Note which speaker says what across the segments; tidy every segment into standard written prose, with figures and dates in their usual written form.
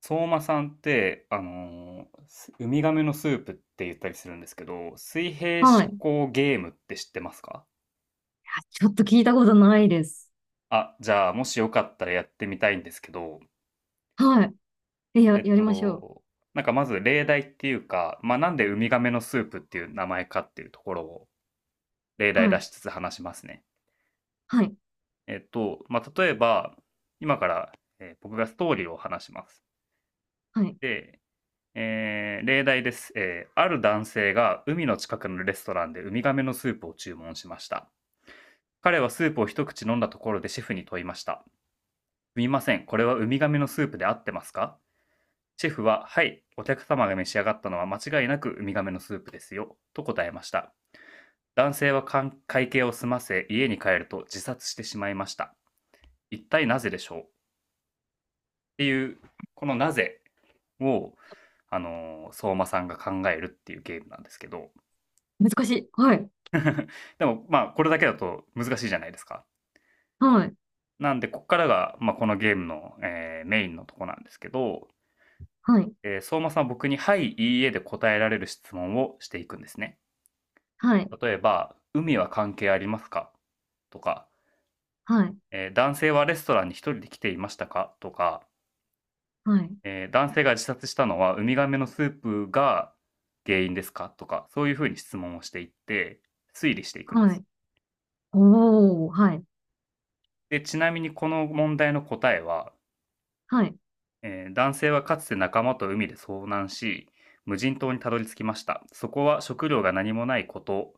Speaker 1: 相馬さんって、あのーすウミガメのスープって言ったりするんですけど、水平思
Speaker 2: はい。いや
Speaker 1: 考ゲームって知ってますか？
Speaker 2: ちょっと聞いたことないです。
Speaker 1: あ、じゃあ、もしよかったらやってみたいんですけど、
Speaker 2: はい。え、
Speaker 1: え
Speaker 2: や、
Speaker 1: っ
Speaker 2: やりましょう。
Speaker 1: と、なんかまず例題っていうか、まあ、なんでウミガメのスープっていう名前かっていうところを例題
Speaker 2: は
Speaker 1: 出
Speaker 2: い。
Speaker 1: しつつ話しますね。
Speaker 2: はい。
Speaker 1: まあ、例えば、今から、僕がストーリーを話します。
Speaker 2: はい。
Speaker 1: で、例題です。ある男性が海の近くのレストランでウミガメのスープを注文しました。彼はスープを一口飲んだところでシェフに問いました。「すみません、これはウミガメのスープで合ってますか？」シェフは「はい、お客様が召し上がったのは間違いなくウミガメのスープですよ」と答えました。男性は会計を済ませ家に帰ると自殺してしまいました。一体なぜでしょう、っていう、このなぜを、相馬さんが考えるっていうゲームなんですけど。
Speaker 2: 難しい。はい。
Speaker 1: でもまあこれだけだと難しいじゃないですか。
Speaker 2: はい。
Speaker 1: なんでここからが、まあ、このゲームの、メインのとこなんですけど、
Speaker 2: はい。
Speaker 1: 相馬さんは僕に「はい」「いいえ」で答えられる質問をしていくんですね。
Speaker 2: はい。
Speaker 1: 例えば「海は関係ありますか？」とか、
Speaker 2: はい。
Speaker 1: 男性はレストランに一人で来ていましたか？」とか、
Speaker 2: はい。
Speaker 1: 男性が自殺したのはウミガメのスープが原因ですか？」とか、そういうふうに質問をしていって推理していくんで
Speaker 2: は
Speaker 1: す。
Speaker 2: い。おー。はい。
Speaker 1: で、ちなみにこの問題の答えは、
Speaker 2: はい。
Speaker 1: 男性はかつて仲間と海で遭難し、無人島にたどり着きました。そこは食料が何もないこと、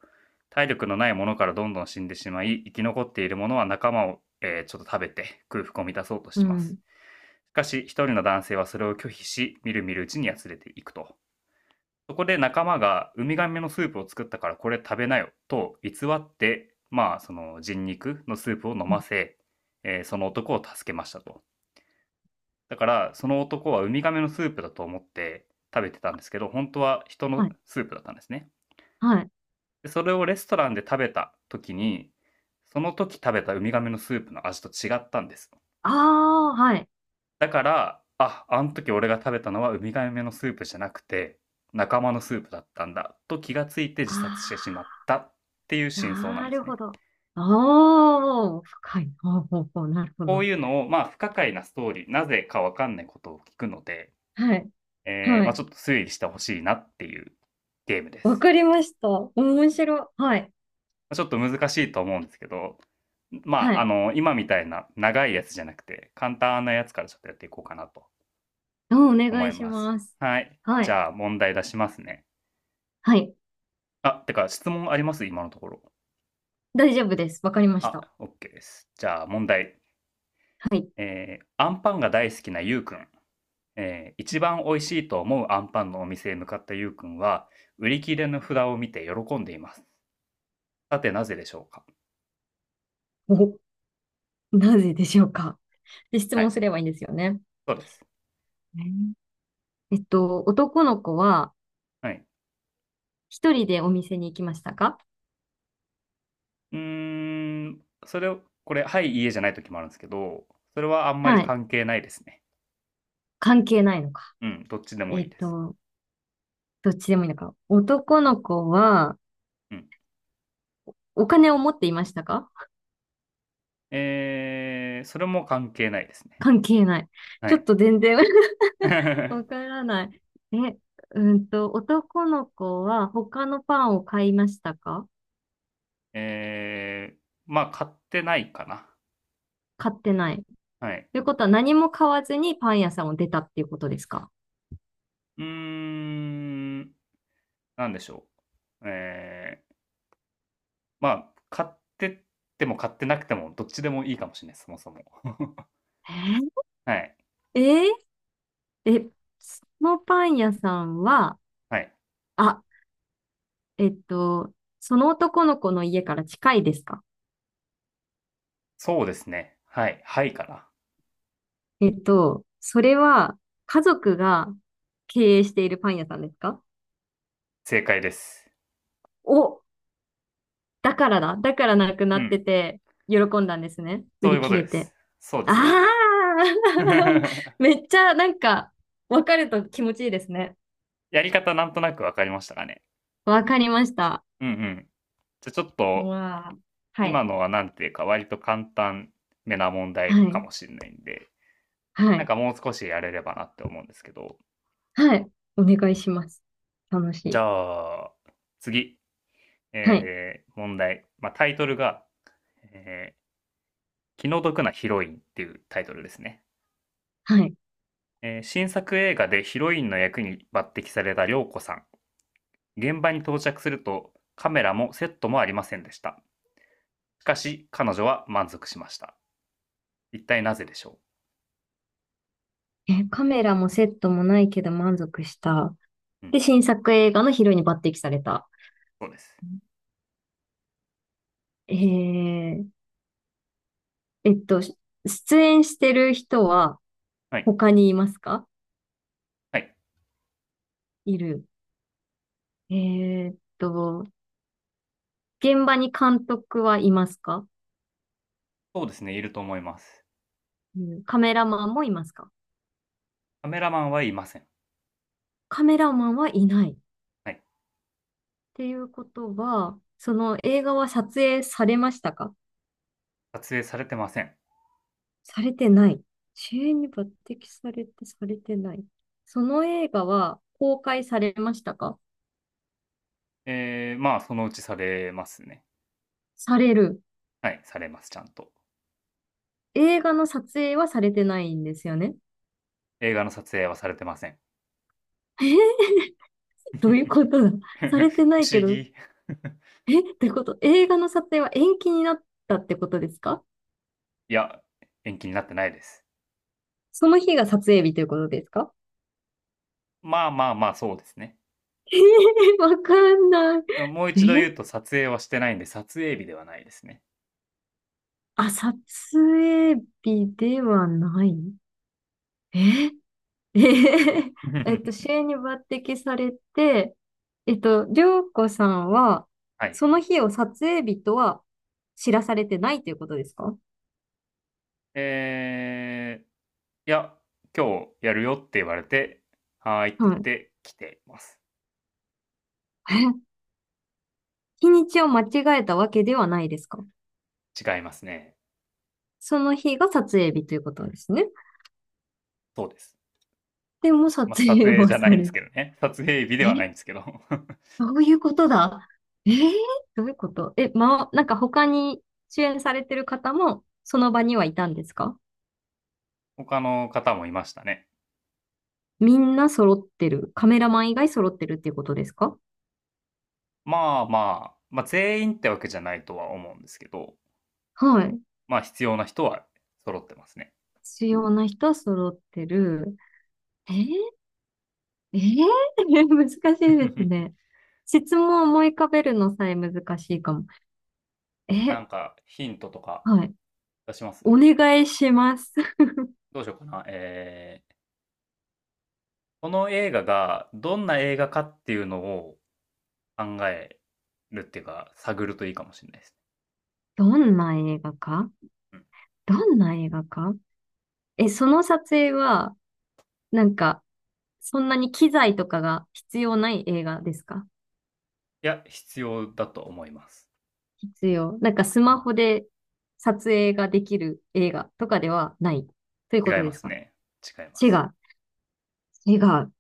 Speaker 1: 体力のないものからどんどん死んでしまい、生き残っているものは仲間を、ちょっと食べて空腹を満たそうと
Speaker 2: う
Speaker 1: します。
Speaker 2: ん。
Speaker 1: しかし、一人の男性はそれを拒否し、みるみるうちにやつれていくと。そこで仲間がウミガメのスープを作ったからこれ食べなよと偽って、まあ、その人肉のスープを飲ませ、その男を助けましたと。だから、その男はウミガメのスープだと思って食べてたんですけど、本当は人
Speaker 2: は
Speaker 1: の
Speaker 2: い。
Speaker 1: スープだったんですね。
Speaker 2: はい。
Speaker 1: でそれをレストランで食べた時に、その時食べたウミガメのスープの味と違ったんです。
Speaker 2: あー。はい。
Speaker 1: だから、あ、あの時俺が食べたのはウミガメのスープじゃなくて、仲間のスープだったんだと気がついて自殺してしまっ
Speaker 2: あ
Speaker 1: たっていう
Speaker 2: ー。
Speaker 1: 真相なん
Speaker 2: な
Speaker 1: で
Speaker 2: る
Speaker 1: すね。
Speaker 2: ほど。おー。深い。ほうほうほう。なるほ
Speaker 1: こう
Speaker 2: ど。
Speaker 1: いうのを、まあ、不可解なストーリー、なぜかわかんないことを聞くので、
Speaker 2: はい。は
Speaker 1: まあ、
Speaker 2: い。
Speaker 1: ちょっと推理してほしいなっていうゲームで
Speaker 2: わ
Speaker 1: す。
Speaker 2: かりました。面白い。はい。
Speaker 1: まちょっと難しいと思うんですけど、ま
Speaker 2: は
Speaker 1: あ、
Speaker 2: い。
Speaker 1: 今みたいな長いやつじゃなくて、簡単なやつからちょっとやっていこうかなと
Speaker 2: お
Speaker 1: 思
Speaker 2: 願い
Speaker 1: い
Speaker 2: し
Speaker 1: ます。
Speaker 2: ます。
Speaker 1: はい。
Speaker 2: は
Speaker 1: じ
Speaker 2: い。
Speaker 1: ゃあ問題出しますね。
Speaker 2: はい。
Speaker 1: あ、てか質問あります？今のところ。
Speaker 2: 大丈夫です。わかりまし
Speaker 1: あ、
Speaker 2: た。
Speaker 1: OK です。じゃあ問題。
Speaker 2: はい。
Speaker 1: えーアンパンが大好きなゆうくん。え一番美味しいと思うアンパンのお店へ向かったゆうくんは、売り切れの札を見て喜んでいます。さて、なぜでしょうか？
Speaker 2: お、なぜでしょうか。で、質
Speaker 1: は
Speaker 2: 問
Speaker 1: い、
Speaker 2: すればいいんですよね。
Speaker 1: そうです。
Speaker 2: ねえーえっと、男の子は
Speaker 1: はい。
Speaker 2: 一人でお店に行きましたか？
Speaker 1: うーん、それを、これ、はい、いえじゃない時もあるんですけど、それはあんま
Speaker 2: は
Speaker 1: り
Speaker 2: い。
Speaker 1: 関係ないですね。
Speaker 2: 関係ないのか。
Speaker 1: うん、どっちでも
Speaker 2: え
Speaker 1: いい
Speaker 2: っ
Speaker 1: です。
Speaker 2: と、どっちでもいいのか。男の子は
Speaker 1: うん。
Speaker 2: お金を持っていましたか？
Speaker 1: それも関係ないですね。
Speaker 2: 関係ない。
Speaker 1: は
Speaker 2: ちょっ
Speaker 1: い。
Speaker 2: と全然 わ からない。え、うんと、男の子は他のパンを買いましたか？
Speaker 1: ええ、まあ、買ってないかな。
Speaker 2: 買ってない。
Speaker 1: はい。
Speaker 2: ということは何も買わずにパン屋さんを出たっていうことですか？
Speaker 1: うーん、なんでしょう。ええ、まあ、買ってっても買ってなくても、どっちでもいいかもしれない、そもそも。
Speaker 2: えー
Speaker 1: はい、
Speaker 2: えーえ、そのパン屋さんは、
Speaker 1: はい。
Speaker 2: あ、えっと、その男の子の家から近いですか？
Speaker 1: そうですね。はい、はいかな。
Speaker 2: それは家族が経営しているパン屋さんですか？
Speaker 1: 正解です。
Speaker 2: お、だからだ。だからなくな
Speaker 1: う
Speaker 2: って
Speaker 1: ん。
Speaker 2: て、喜んだんですね。売
Speaker 1: そういう
Speaker 2: り
Speaker 1: こ
Speaker 2: 切
Speaker 1: と
Speaker 2: れ
Speaker 1: です。
Speaker 2: て。
Speaker 1: そうで
Speaker 2: あ
Speaker 1: す、そうで
Speaker 2: あ
Speaker 1: す。
Speaker 2: めっちゃなんか、わかると気持ちいいですね。
Speaker 1: やり方なんとなくわかりましたかね。
Speaker 2: わかりました。
Speaker 1: うん、うん。じゃあちょっ
Speaker 2: う
Speaker 1: と、
Speaker 2: わあ。はい。
Speaker 1: 今のはなんていうか、割と簡単めな問
Speaker 2: は
Speaker 1: 題か
Speaker 2: い。
Speaker 1: もしれないんで、
Speaker 2: は
Speaker 1: なん
Speaker 2: い。
Speaker 1: かもう少しやれればなって思うんですけど、
Speaker 2: はい。お願いします。楽し
Speaker 1: じ
Speaker 2: い。
Speaker 1: ゃあ、次、
Speaker 2: はい。
Speaker 1: 問題。まあ、タイトルが、えー気の毒なヒロインっていうタイトルですね。
Speaker 2: はい。
Speaker 1: 新作映画でヒロインの役に抜擢された涼子さん。現場に到着すると、カメラもセットもありませんでした。しかし、彼女は満足しました。一体なぜでしょ
Speaker 2: え、カメラもセットもないけど満足した。
Speaker 1: う？う
Speaker 2: で、
Speaker 1: ん、
Speaker 2: 新作映画のヒロインに抜擢された。
Speaker 1: そうです。
Speaker 2: えー、えっと、し出演してる人は
Speaker 1: はい。
Speaker 2: 他にいますか？
Speaker 1: はい。
Speaker 2: いる。えーっと、現場に監督はいますか？
Speaker 1: そうですね、いると思います。
Speaker 2: うん、カメラマンもいますか？
Speaker 1: カメラマンはいません。
Speaker 2: カメラマンはいない。っ
Speaker 1: はい。
Speaker 2: ていうことは、その映画は撮影されましたか？
Speaker 1: 撮影されてません。
Speaker 2: されてない。主演に抜擢されて、されてない。その映画は公開されましたか？
Speaker 1: まあ、そのうちされますね。
Speaker 2: される。
Speaker 1: はい、されます、ちゃんと。
Speaker 2: 映画の撮影はされてないんですよね。
Speaker 1: 映画の撮影はされてません。
Speaker 2: えー、どういうこ とだ。されてな
Speaker 1: 不
Speaker 2: い
Speaker 1: 思
Speaker 2: けど、
Speaker 1: 議。
Speaker 2: え、ってこと映画の撮影は延期になったってことですか？
Speaker 1: いや、延期になってないです。
Speaker 2: その日が撮影日ということですか？
Speaker 1: まあまあまあ、そうですね。
Speaker 2: わかんな
Speaker 1: もう一度
Speaker 2: い。え、
Speaker 1: 言うと、撮影はしてないんで、撮影日ではないですね。
Speaker 2: あ、撮影日ではない。え えへへ主 演に抜擢されて、涼子さんは、
Speaker 1: はい。
Speaker 2: その日を撮影日とは知らされてないということですか？
Speaker 1: えいや、今日やるよって言われて、はーいって
Speaker 2: は
Speaker 1: 言っ
Speaker 2: い。
Speaker 1: て来ています。
Speaker 2: え、日にちを間違えたわけではないですか？
Speaker 1: 違いますね。
Speaker 2: その日が撮影日ということですね。
Speaker 1: そうです。
Speaker 2: でも撮
Speaker 1: まあ、撮
Speaker 2: 影
Speaker 1: 影じ
Speaker 2: は
Speaker 1: ゃな
Speaker 2: さ
Speaker 1: いんで
Speaker 2: れ
Speaker 1: す
Speaker 2: て、
Speaker 1: けどね。撮影日ではな
Speaker 2: え、
Speaker 1: いんですけど。
Speaker 2: どういうことだえーどういうこと。え、ま、なんか他に主演されてる方もその場にはいたんですか？
Speaker 1: 他の方もいましたね。
Speaker 2: みんな揃ってる。カメラマン以外揃ってるっていうことですか？
Speaker 1: まあまあ、まあ全員ってわけじゃないとは思うんですけど、
Speaker 2: はい。
Speaker 1: まあ必要な人は揃ってますね。
Speaker 2: 必要な人揃ってる。えー、えー、難しいですね。質問を思い浮かべるのさえ難しいかも。
Speaker 1: な
Speaker 2: え、
Speaker 1: んかヒントとか
Speaker 2: はい。
Speaker 1: 出しま
Speaker 2: お
Speaker 1: す？
Speaker 2: 願いします。
Speaker 1: どうしようかな。この映画がどんな映画かっていうのを考えるっていうか、探るといいかもしれないですね。
Speaker 2: どんな映画か、
Speaker 1: うん。
Speaker 2: どんな映画か、え、その撮影は、なんか、そんなに機材とかが必要ない映画ですか？
Speaker 1: いや、必要だと思います。
Speaker 2: 必要。なんかス
Speaker 1: うん、
Speaker 2: マホで撮影ができる映画とかではないという
Speaker 1: 違
Speaker 2: こ
Speaker 1: い
Speaker 2: とで
Speaker 1: ま
Speaker 2: す
Speaker 1: す
Speaker 2: か？
Speaker 1: ね。違いま
Speaker 2: 違
Speaker 1: す。
Speaker 2: う。違う。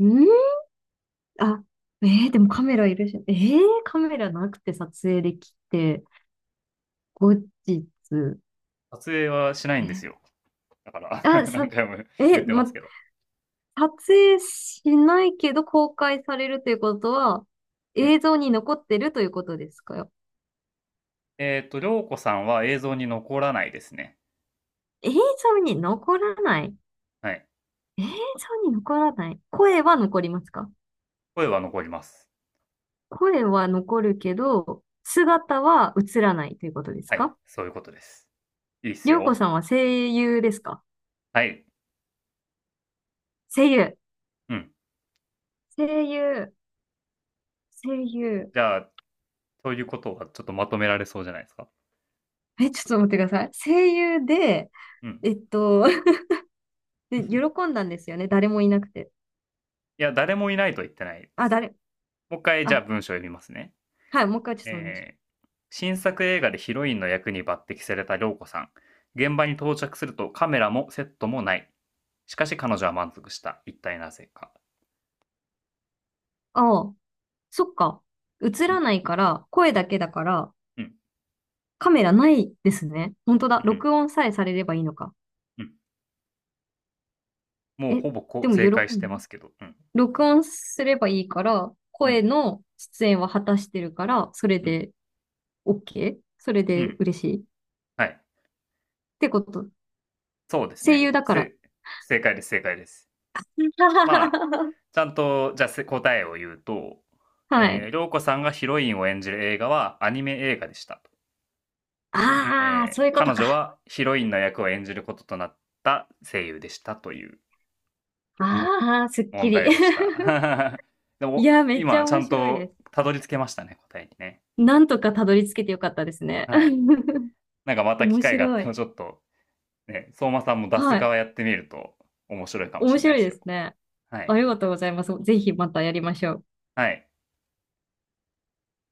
Speaker 2: んー、あ、でもカメラいるし、カメラなくて撮影できて、後日、
Speaker 1: 撮影はしないんで
Speaker 2: え、
Speaker 1: すよ。だから
Speaker 2: あ、さ、
Speaker 1: 何回も言
Speaker 2: え、
Speaker 1: ってます
Speaker 2: ま、
Speaker 1: けど。
Speaker 2: 撮影しないけど公開されるということは、
Speaker 1: うん。
Speaker 2: 映像に残ってるということですか？
Speaker 1: りょうこさんは映像に残らないですね。
Speaker 2: 映像に残らない、
Speaker 1: はい。
Speaker 2: 映像に残らない、声は残りますか？
Speaker 1: 声は残ります。
Speaker 2: 声は残るけど、姿は映らないということです
Speaker 1: はい。
Speaker 2: か？
Speaker 1: そういうことです。いいっす
Speaker 2: りょうこ
Speaker 1: よ。
Speaker 2: さんは声優ですか？
Speaker 1: はい。
Speaker 2: 声優。
Speaker 1: うん。
Speaker 2: 声優。声優。
Speaker 1: じゃあ、そういうことはちょっとまとめられそうじゃないですか。
Speaker 2: え、ちょっと待ってください。声優で、
Speaker 1: うん。
Speaker 2: えっと、で、喜 んだんですよね。誰もいなくて。
Speaker 1: いや、誰もいないとは言ってないで
Speaker 2: あ、
Speaker 1: すね。もう一回、じゃあ
Speaker 2: あ、
Speaker 1: 文章を読みますね。
Speaker 2: はい、もう一回ちょっとお願いしま
Speaker 1: え
Speaker 2: す。
Speaker 1: ー新作映画でヒロインの役に抜擢された涼子さん。現場に到着するとカメラもセットもない。しかし彼女は満足した。一体なぜか。
Speaker 2: ああ、そっか。映
Speaker 1: う
Speaker 2: ら
Speaker 1: ん、
Speaker 2: ないから、声だけだから、
Speaker 1: うん、
Speaker 2: カメラないですね。本当だ。
Speaker 1: うん、
Speaker 2: 録音さえされればいいのか。
Speaker 1: うん。もう
Speaker 2: え、
Speaker 1: ほぼこ
Speaker 2: で
Speaker 1: う
Speaker 2: も喜
Speaker 1: 正
Speaker 2: ん
Speaker 1: 解してま
Speaker 2: だ。
Speaker 1: すけど。うん、
Speaker 2: 録音すればいいから、
Speaker 1: う
Speaker 2: 声
Speaker 1: ん、
Speaker 2: の出演は果たしてるから、それ
Speaker 1: うん、
Speaker 2: で OK? それ
Speaker 1: う
Speaker 2: で
Speaker 1: ん。
Speaker 2: 嬉しい。っ
Speaker 1: はい。
Speaker 2: てこと。
Speaker 1: そうです
Speaker 2: 声優
Speaker 1: ね。
Speaker 2: だから。
Speaker 1: 正解です、正解です。まあ、ちゃんと、じゃあ答えを言うと、
Speaker 2: はい。
Speaker 1: 涼子さんがヒロインを演じる映画はアニメ映画でしたと。
Speaker 2: ああ、そういうこと
Speaker 1: 彼女
Speaker 2: か。
Speaker 1: はヒロインの役を演じることとなった声優でしたという
Speaker 2: ああ、すっき
Speaker 1: 問
Speaker 2: り。
Speaker 1: 題 でした。 で
Speaker 2: い
Speaker 1: も
Speaker 2: や、めっち
Speaker 1: 今
Speaker 2: ゃ
Speaker 1: ちゃ
Speaker 2: 面
Speaker 1: ん
Speaker 2: 白いで
Speaker 1: と
Speaker 2: す。
Speaker 1: たどり着けましたね、答えにね。
Speaker 2: なんとかたどり着けてよかったですね。
Speaker 1: はい。 なんかまた機
Speaker 2: 面
Speaker 1: 会があっ
Speaker 2: 白
Speaker 1: た
Speaker 2: い。
Speaker 1: らちょっと、ね、相馬さんも出す
Speaker 2: はい。
Speaker 1: 側やってみると面白いかもし
Speaker 2: 面
Speaker 1: れない
Speaker 2: 白
Speaker 1: で
Speaker 2: い
Speaker 1: す
Speaker 2: で
Speaker 1: よ。
Speaker 2: すね。
Speaker 1: はい。
Speaker 2: ありがとうございます。ぜひまたやりましょう。
Speaker 1: はい。